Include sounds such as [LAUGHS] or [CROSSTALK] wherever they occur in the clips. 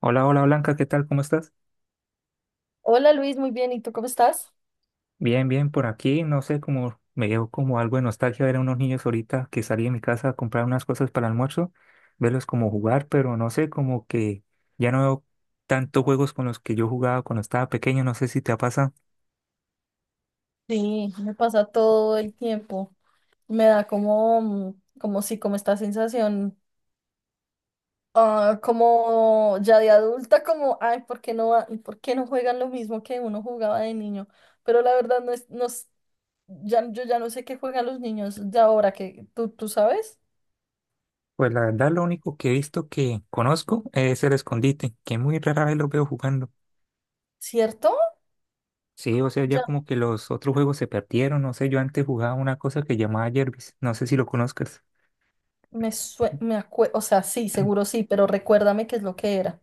Hola, hola Blanca, ¿qué tal? ¿Cómo estás? Hola Luis, muy bien. ¿Y tú cómo estás? Bien, bien, por aquí, no sé, como me dio como algo de nostalgia ver a unos niños ahorita que salí de mi casa a comprar unas cosas para el almuerzo, verlos como jugar, pero no sé, como que ya no veo tantos juegos con los que yo jugaba cuando estaba pequeño, no sé si te ha pasado. Sí, me pasa todo el tiempo. Me da como, como sí, como esta sensación, como ya de adulta, como, ay, ¿por qué no, por qué no juegan lo mismo que uno jugaba de niño? Pero la verdad no es- ya, yo ya no sé qué juegan los niños de ahora, que tú sabes, Pues la verdad, lo único que he visto que conozco es el escondite, que muy rara vez lo veo jugando. ¿cierto? Sí, o sea, ya Ya como que los otros juegos se perdieron, no sé, yo antes jugaba una cosa que llamaba Jervis, no sé si lo conozcas. O sea, sí, seguro sí, pero recuérdame qué es lo que era.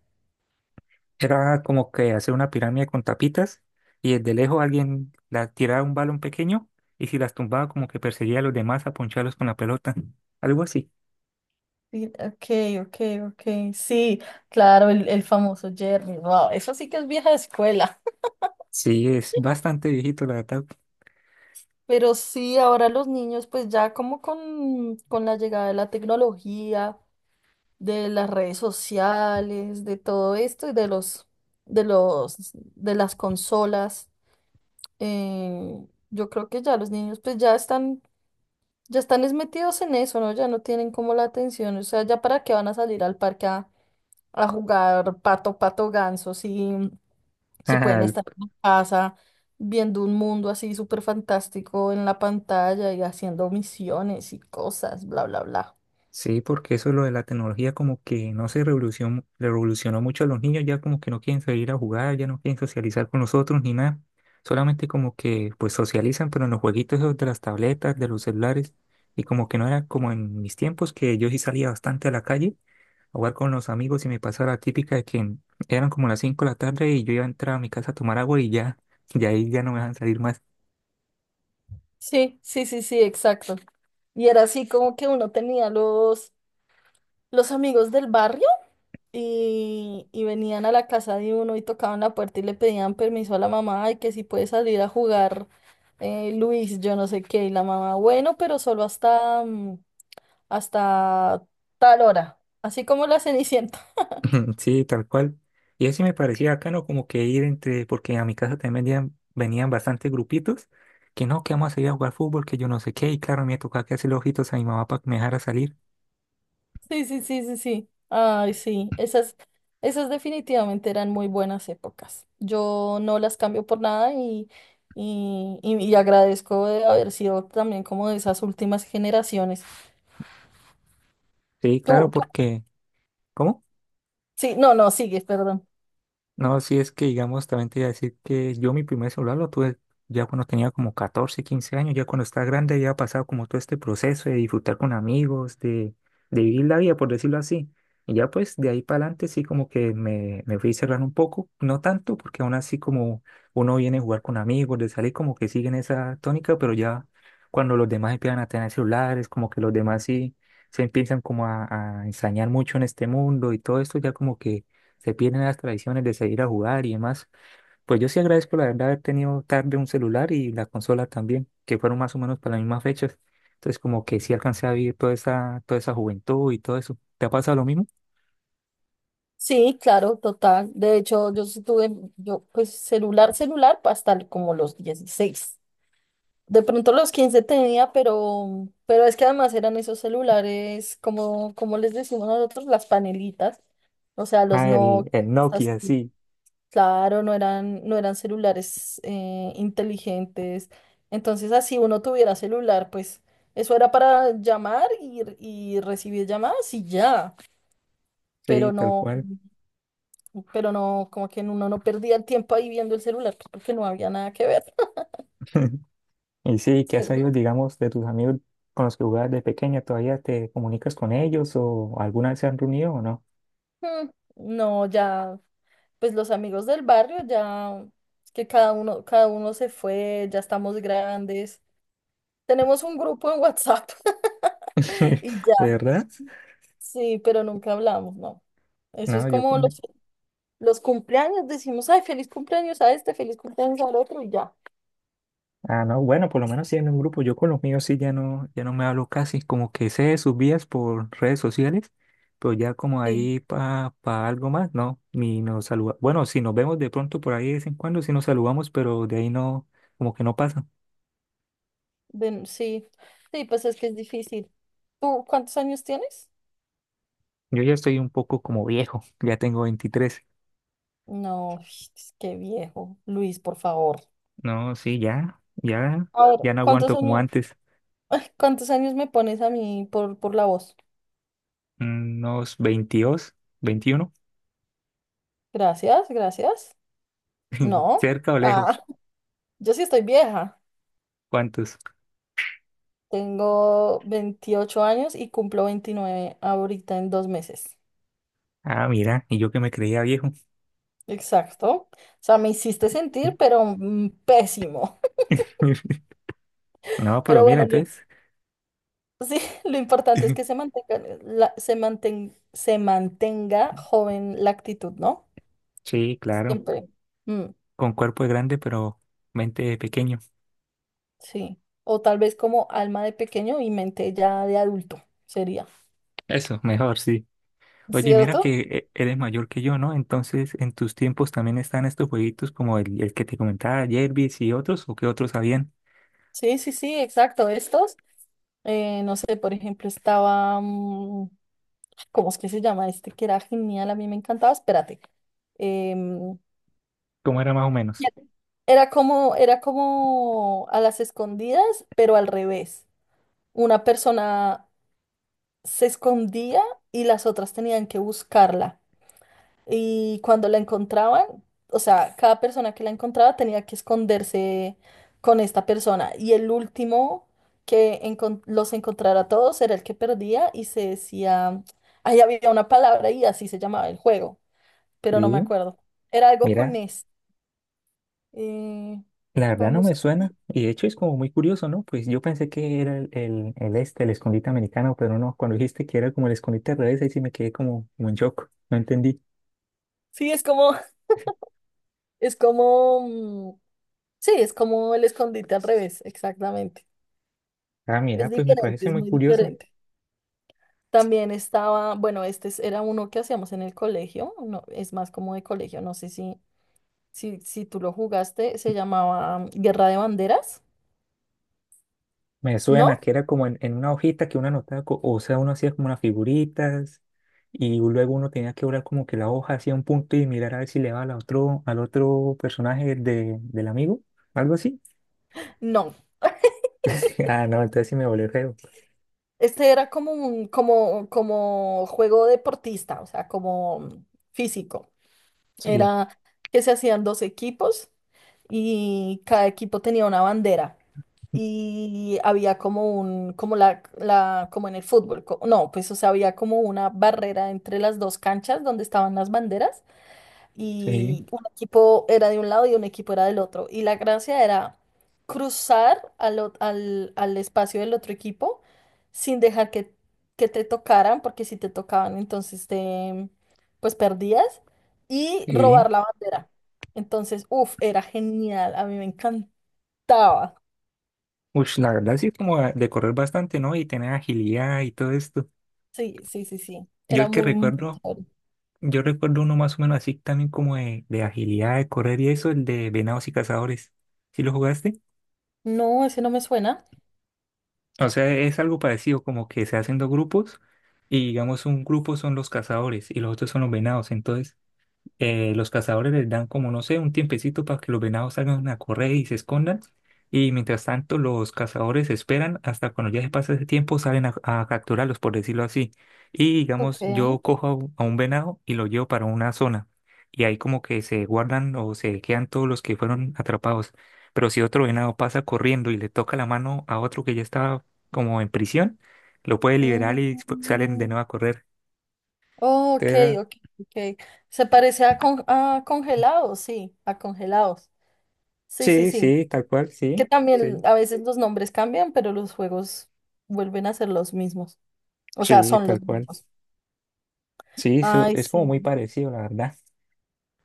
Era como que hacer una pirámide con tapitas y desde lejos alguien la tiraba un balón pequeño y si las tumbaba como que perseguía a los demás a poncharlos con la pelota. Algo así. Sí, ok, ok, ok, sí, claro, el famoso Jerry, wow, eso sí que es vieja escuela. Sí, es bastante viejito la verdad. Pero sí, ahora los niños pues ya como con la llegada de la tecnología, de las redes sociales, de todo esto de los, de las consolas. Yo creo que ya los niños pues ya están es metidos en eso, ¿no? Ya no tienen como la atención, o sea, ya para qué van a salir al parque a jugar pato, pato, ganso. Sí, si pueden Ah. estar en la casa viendo un mundo así súper fantástico en la pantalla y haciendo misiones y cosas, bla, bla, bla. Sí, porque eso lo de la tecnología como que no se revolucionó mucho a los niños, ya como que no quieren salir a jugar, ya no quieren socializar con nosotros ni nada. Solamente como que pues socializan, pero en los jueguitos esos de las tabletas, de los celulares, y como que no era como en mis tiempos que yo sí salía bastante a la calle jugar con los amigos y me pasaba la típica de que eran como las 5 de la tarde y yo iba a entrar a mi casa a tomar agua y ya, y ahí ya no me dejan salir más. Sí, sí, sí, sí, exacto. Y era así como que uno tenía los amigos del barrio y venían a la casa de uno y tocaban la puerta y le pedían permiso a la mamá y que si puede salir a jugar, Luis, yo no sé qué, y la mamá, bueno, pero solo hasta, hasta tal hora, así como la Cenicienta. [LAUGHS] Sí, tal cual. Y así me parecía bacano como que ir entre, porque a mi casa también venían, bastantes grupitos, que no, que vamos a ir a jugar fútbol, que yo no sé qué, y claro, me tocaba que hacerle ojitos a mi mamá para que me dejara salir. Sí, sí, sí, sí, sí. Ay, sí, esas, esas definitivamente eran muy buenas épocas. Yo no las cambio por nada. Y, y agradezco de haber sido también como de esas últimas generaciones. Sí, claro, Tú, tú, porque... ¿Cómo? sí, no, no, sigues, perdón. No, sí es que, digamos, también te iba a decir que yo mi primer celular lo tuve ya cuando tenía como 14, 15 años, ya cuando estaba grande ya ha pasado como todo este proceso de disfrutar con amigos, de vivir la vida, por decirlo así. Y ya pues de ahí para adelante sí como que me fui cerrando un poco, no tanto, porque aún así como uno viene a jugar con amigos, de salir como que siguen esa tónica, pero ya cuando los demás empiezan a tener celulares, como que los demás sí se empiezan como a ensañar mucho en este mundo y todo esto ya como que se pierden las tradiciones de seguir a jugar y demás. Pues yo sí agradezco la verdad haber tenido tarde un celular y la consola también, que fueron más o menos para las mismas fechas. Entonces como que sí alcancé a vivir toda esa juventud y todo eso. ¿Te ha pasado lo mismo? Sí, claro, total. De hecho, yo sí tuve, yo pues celular, hasta como los 16. De pronto los 15 tenía, pero es que además eran esos celulares, como, como les decimos nosotros, las panelitas. O sea, los Ah, no, el así, Nokia, sí, claro, no eran celulares inteligentes. Entonces, así uno tuviera celular, pues eso era para llamar y recibir llamadas y ya. sí, Pero tal no, cual. pero no, como que uno no perdía el tiempo ahí viendo el celular, pues, porque no había nada que ver, [LAUGHS] Y sí, [LAUGHS] ¿qué has sabido, ¿cierto? digamos, de tus amigos con los que jugabas de pequeña? ¿Todavía te comunicas con ellos o alguna vez se han reunido o no? Mm, No, ya. Pues los amigos del barrio ya que cada uno se fue, ya estamos grandes. Tenemos un grupo en WhatsApp. [LAUGHS] Y [LAUGHS] ¿De ya, verdad? sí, pero nunca hablamos, no. Eso es No, yo como con. Los cumpleaños, decimos, ay, feliz cumpleaños a este, feliz cumpleaños al otro y ya. Ah, no, bueno, por lo menos sí en un grupo. Yo con los míos sí ya no, ya no me hablo casi, como que sé de sus vías por redes sociales, pero ya como Sí, ahí para algo más, no, ni nos saluda. Bueno, si nos vemos de pronto por ahí de vez en cuando, sí nos saludamos, pero de ahí no, como que no pasa. Sí, sí, pues es que es difícil. ¿Tú cuántos años tienes? Yo ya estoy un poco como viejo, [LAUGHS] ya tengo 23. No, es qué viejo. Luis, por favor. No, sí, ya, ya, A ver, ya no aguanto como antes, ¿cuántos años me pones a mí por la voz? mm, unos 22, 21. Gracias, gracias. [LAUGHS] No, ¿Cerca o ah, lejos? [LAUGHS] yo sí estoy vieja. ¿Cuántos? Tengo 28 años y cumplo 29 ahorita en dos meses. Ah, mira, y yo que me creía viejo. Exacto. O sea, me hiciste sentir, pero pésimo. [LAUGHS] No, [LAUGHS] pero Pero bien, bueno, lo, entonces. sí, [LAUGHS] lo importante es que se [LAUGHS] mantenga, se mantenga joven la actitud, ¿no? Sí, claro. Siempre. Mm, Con cuerpo grande, pero mente pequeño. sí. O tal vez como alma de pequeño y mente ya de adulto, sería. Eso, mejor, sí. Oye, mira ¿Cierto? que e- eres mayor que yo, ¿no? Entonces, ¿en tus tiempos también están estos jueguitos como el que te comentaba, Jervis y otros? ¿O qué otros habían? Sí, sí, sí, exacto. Estos. No sé, por ejemplo, estaba, ¿cómo es que se llama este? Que era genial, a mí me encantaba, espérate. em, ¿Cómo era más o menos? Era como, era como a las escondidas, pero al revés. Una persona se escondía y las otras tenían que buscarla. Y cuando la encontraban, o sea, cada persona que la encontraba tenía que esconderse con esta persona. Y el último los encontrara a todos era el que perdía y se decía, ahí había una palabra y así se llamaba el juego, pero no me Sí, acuerdo. Era algo con mira, es. eh, la verdad no me Vamos. suena. Y de hecho es como muy curioso, ¿no? Pues yo pensé que era el este, el escondite americano, pero no, cuando dijiste que era como el escondite al revés, ahí sí me quedé como, como en shock. No entendí. Sí, es como, [LAUGHS] es como, sí, es como el escondite al revés, exactamente. Ah, Es mira, pues me diferente, parece es muy muy curioso. diferente. También estaba, bueno, era uno que hacíamos en el colegio, no, es más como de colegio, no sé si, si tú lo jugaste, se llamaba Guerra de Banderas, Me suena ¿no? que era como en una hojita que uno anotaba, co- o sea, uno hacía como unas figuritas y luego uno tenía que doblar como que la hoja hacía un punto y mirar a ver si le daba al otro personaje de, del amigo, algo así. No, [LAUGHS] [LAUGHS] Ah, no, entonces sí me volvió feo. este era como un, como, como juego deportista, o sea, como físico. Sí, Era que se hacían dos equipos y cada equipo tenía una bandera. Y había como un, como la, como en el fútbol, no, pues o sea, había como una barrera entre las dos canchas donde estaban las banderas sí, y un equipo era de un lado y un equipo era del otro. Y la gracia era cruzar al espacio del otro equipo sin dejar que te tocaran, porque si te tocaban, entonces te, pues perdías, y sí. robar la bandera. Entonces, uff, era genial, a mí me encantaba. Uy, la verdad sí como a- de correr bastante, ¿no? Y tener agilidad y todo esto. Sí, sí, sí, sí, Yo era el que muy, muy recuerdo, chévere. yo recuerdo uno más o menos así también como de agilidad, de correr y eso, el de venados y cazadores. ¿Sí lo jugaste? No, ese no me suena. O sea, es algo parecido como que se hacen dos grupos y digamos un grupo son los cazadores y los otros son los venados. Entonces, los cazadores les dan como, no sé, un tiempecito para que los venados salgan a correr y se escondan. Y mientras tanto, los cazadores esperan hasta cuando ya se pasa ese tiempo, salen a capturarlos, por decirlo así. Y Ok. digamos, yo cojo a un venado y lo llevo para una zona. Y ahí como que se guardan o se quedan todos los que fueron atrapados. Pero si otro venado pasa corriendo y le toca la mano a otro que ya estaba como en prisión, lo puede liberar y salen de Mm. nuevo a correr. Oh, ok, Entonces era- ok, ok. Se parece a, a congelados. Sí, sí, Sí, sí. sí, tal cual, Que sí, también sí. a veces los nombres cambian, pero los juegos vuelven a ser los mismos. O sea, Sí, son los tal cual. mismos. Sí, su- Ay, es como muy sí, parecido, la verdad.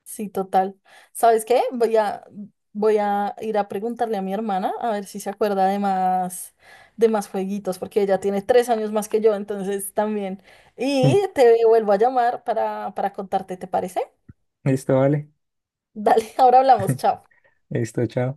sí, total. ¿Sabes qué? Voy a ir a preguntarle a mi hermana a ver si se acuerda de más jueguitos, porque ella tiene tres años más que yo, entonces también. Y [LAUGHS] te vuelvo a llamar para contarte, ¿te parece? Esto vale. Dale, [LAUGHS] ahora hablamos, [LAUGHS] chao. Esto chao.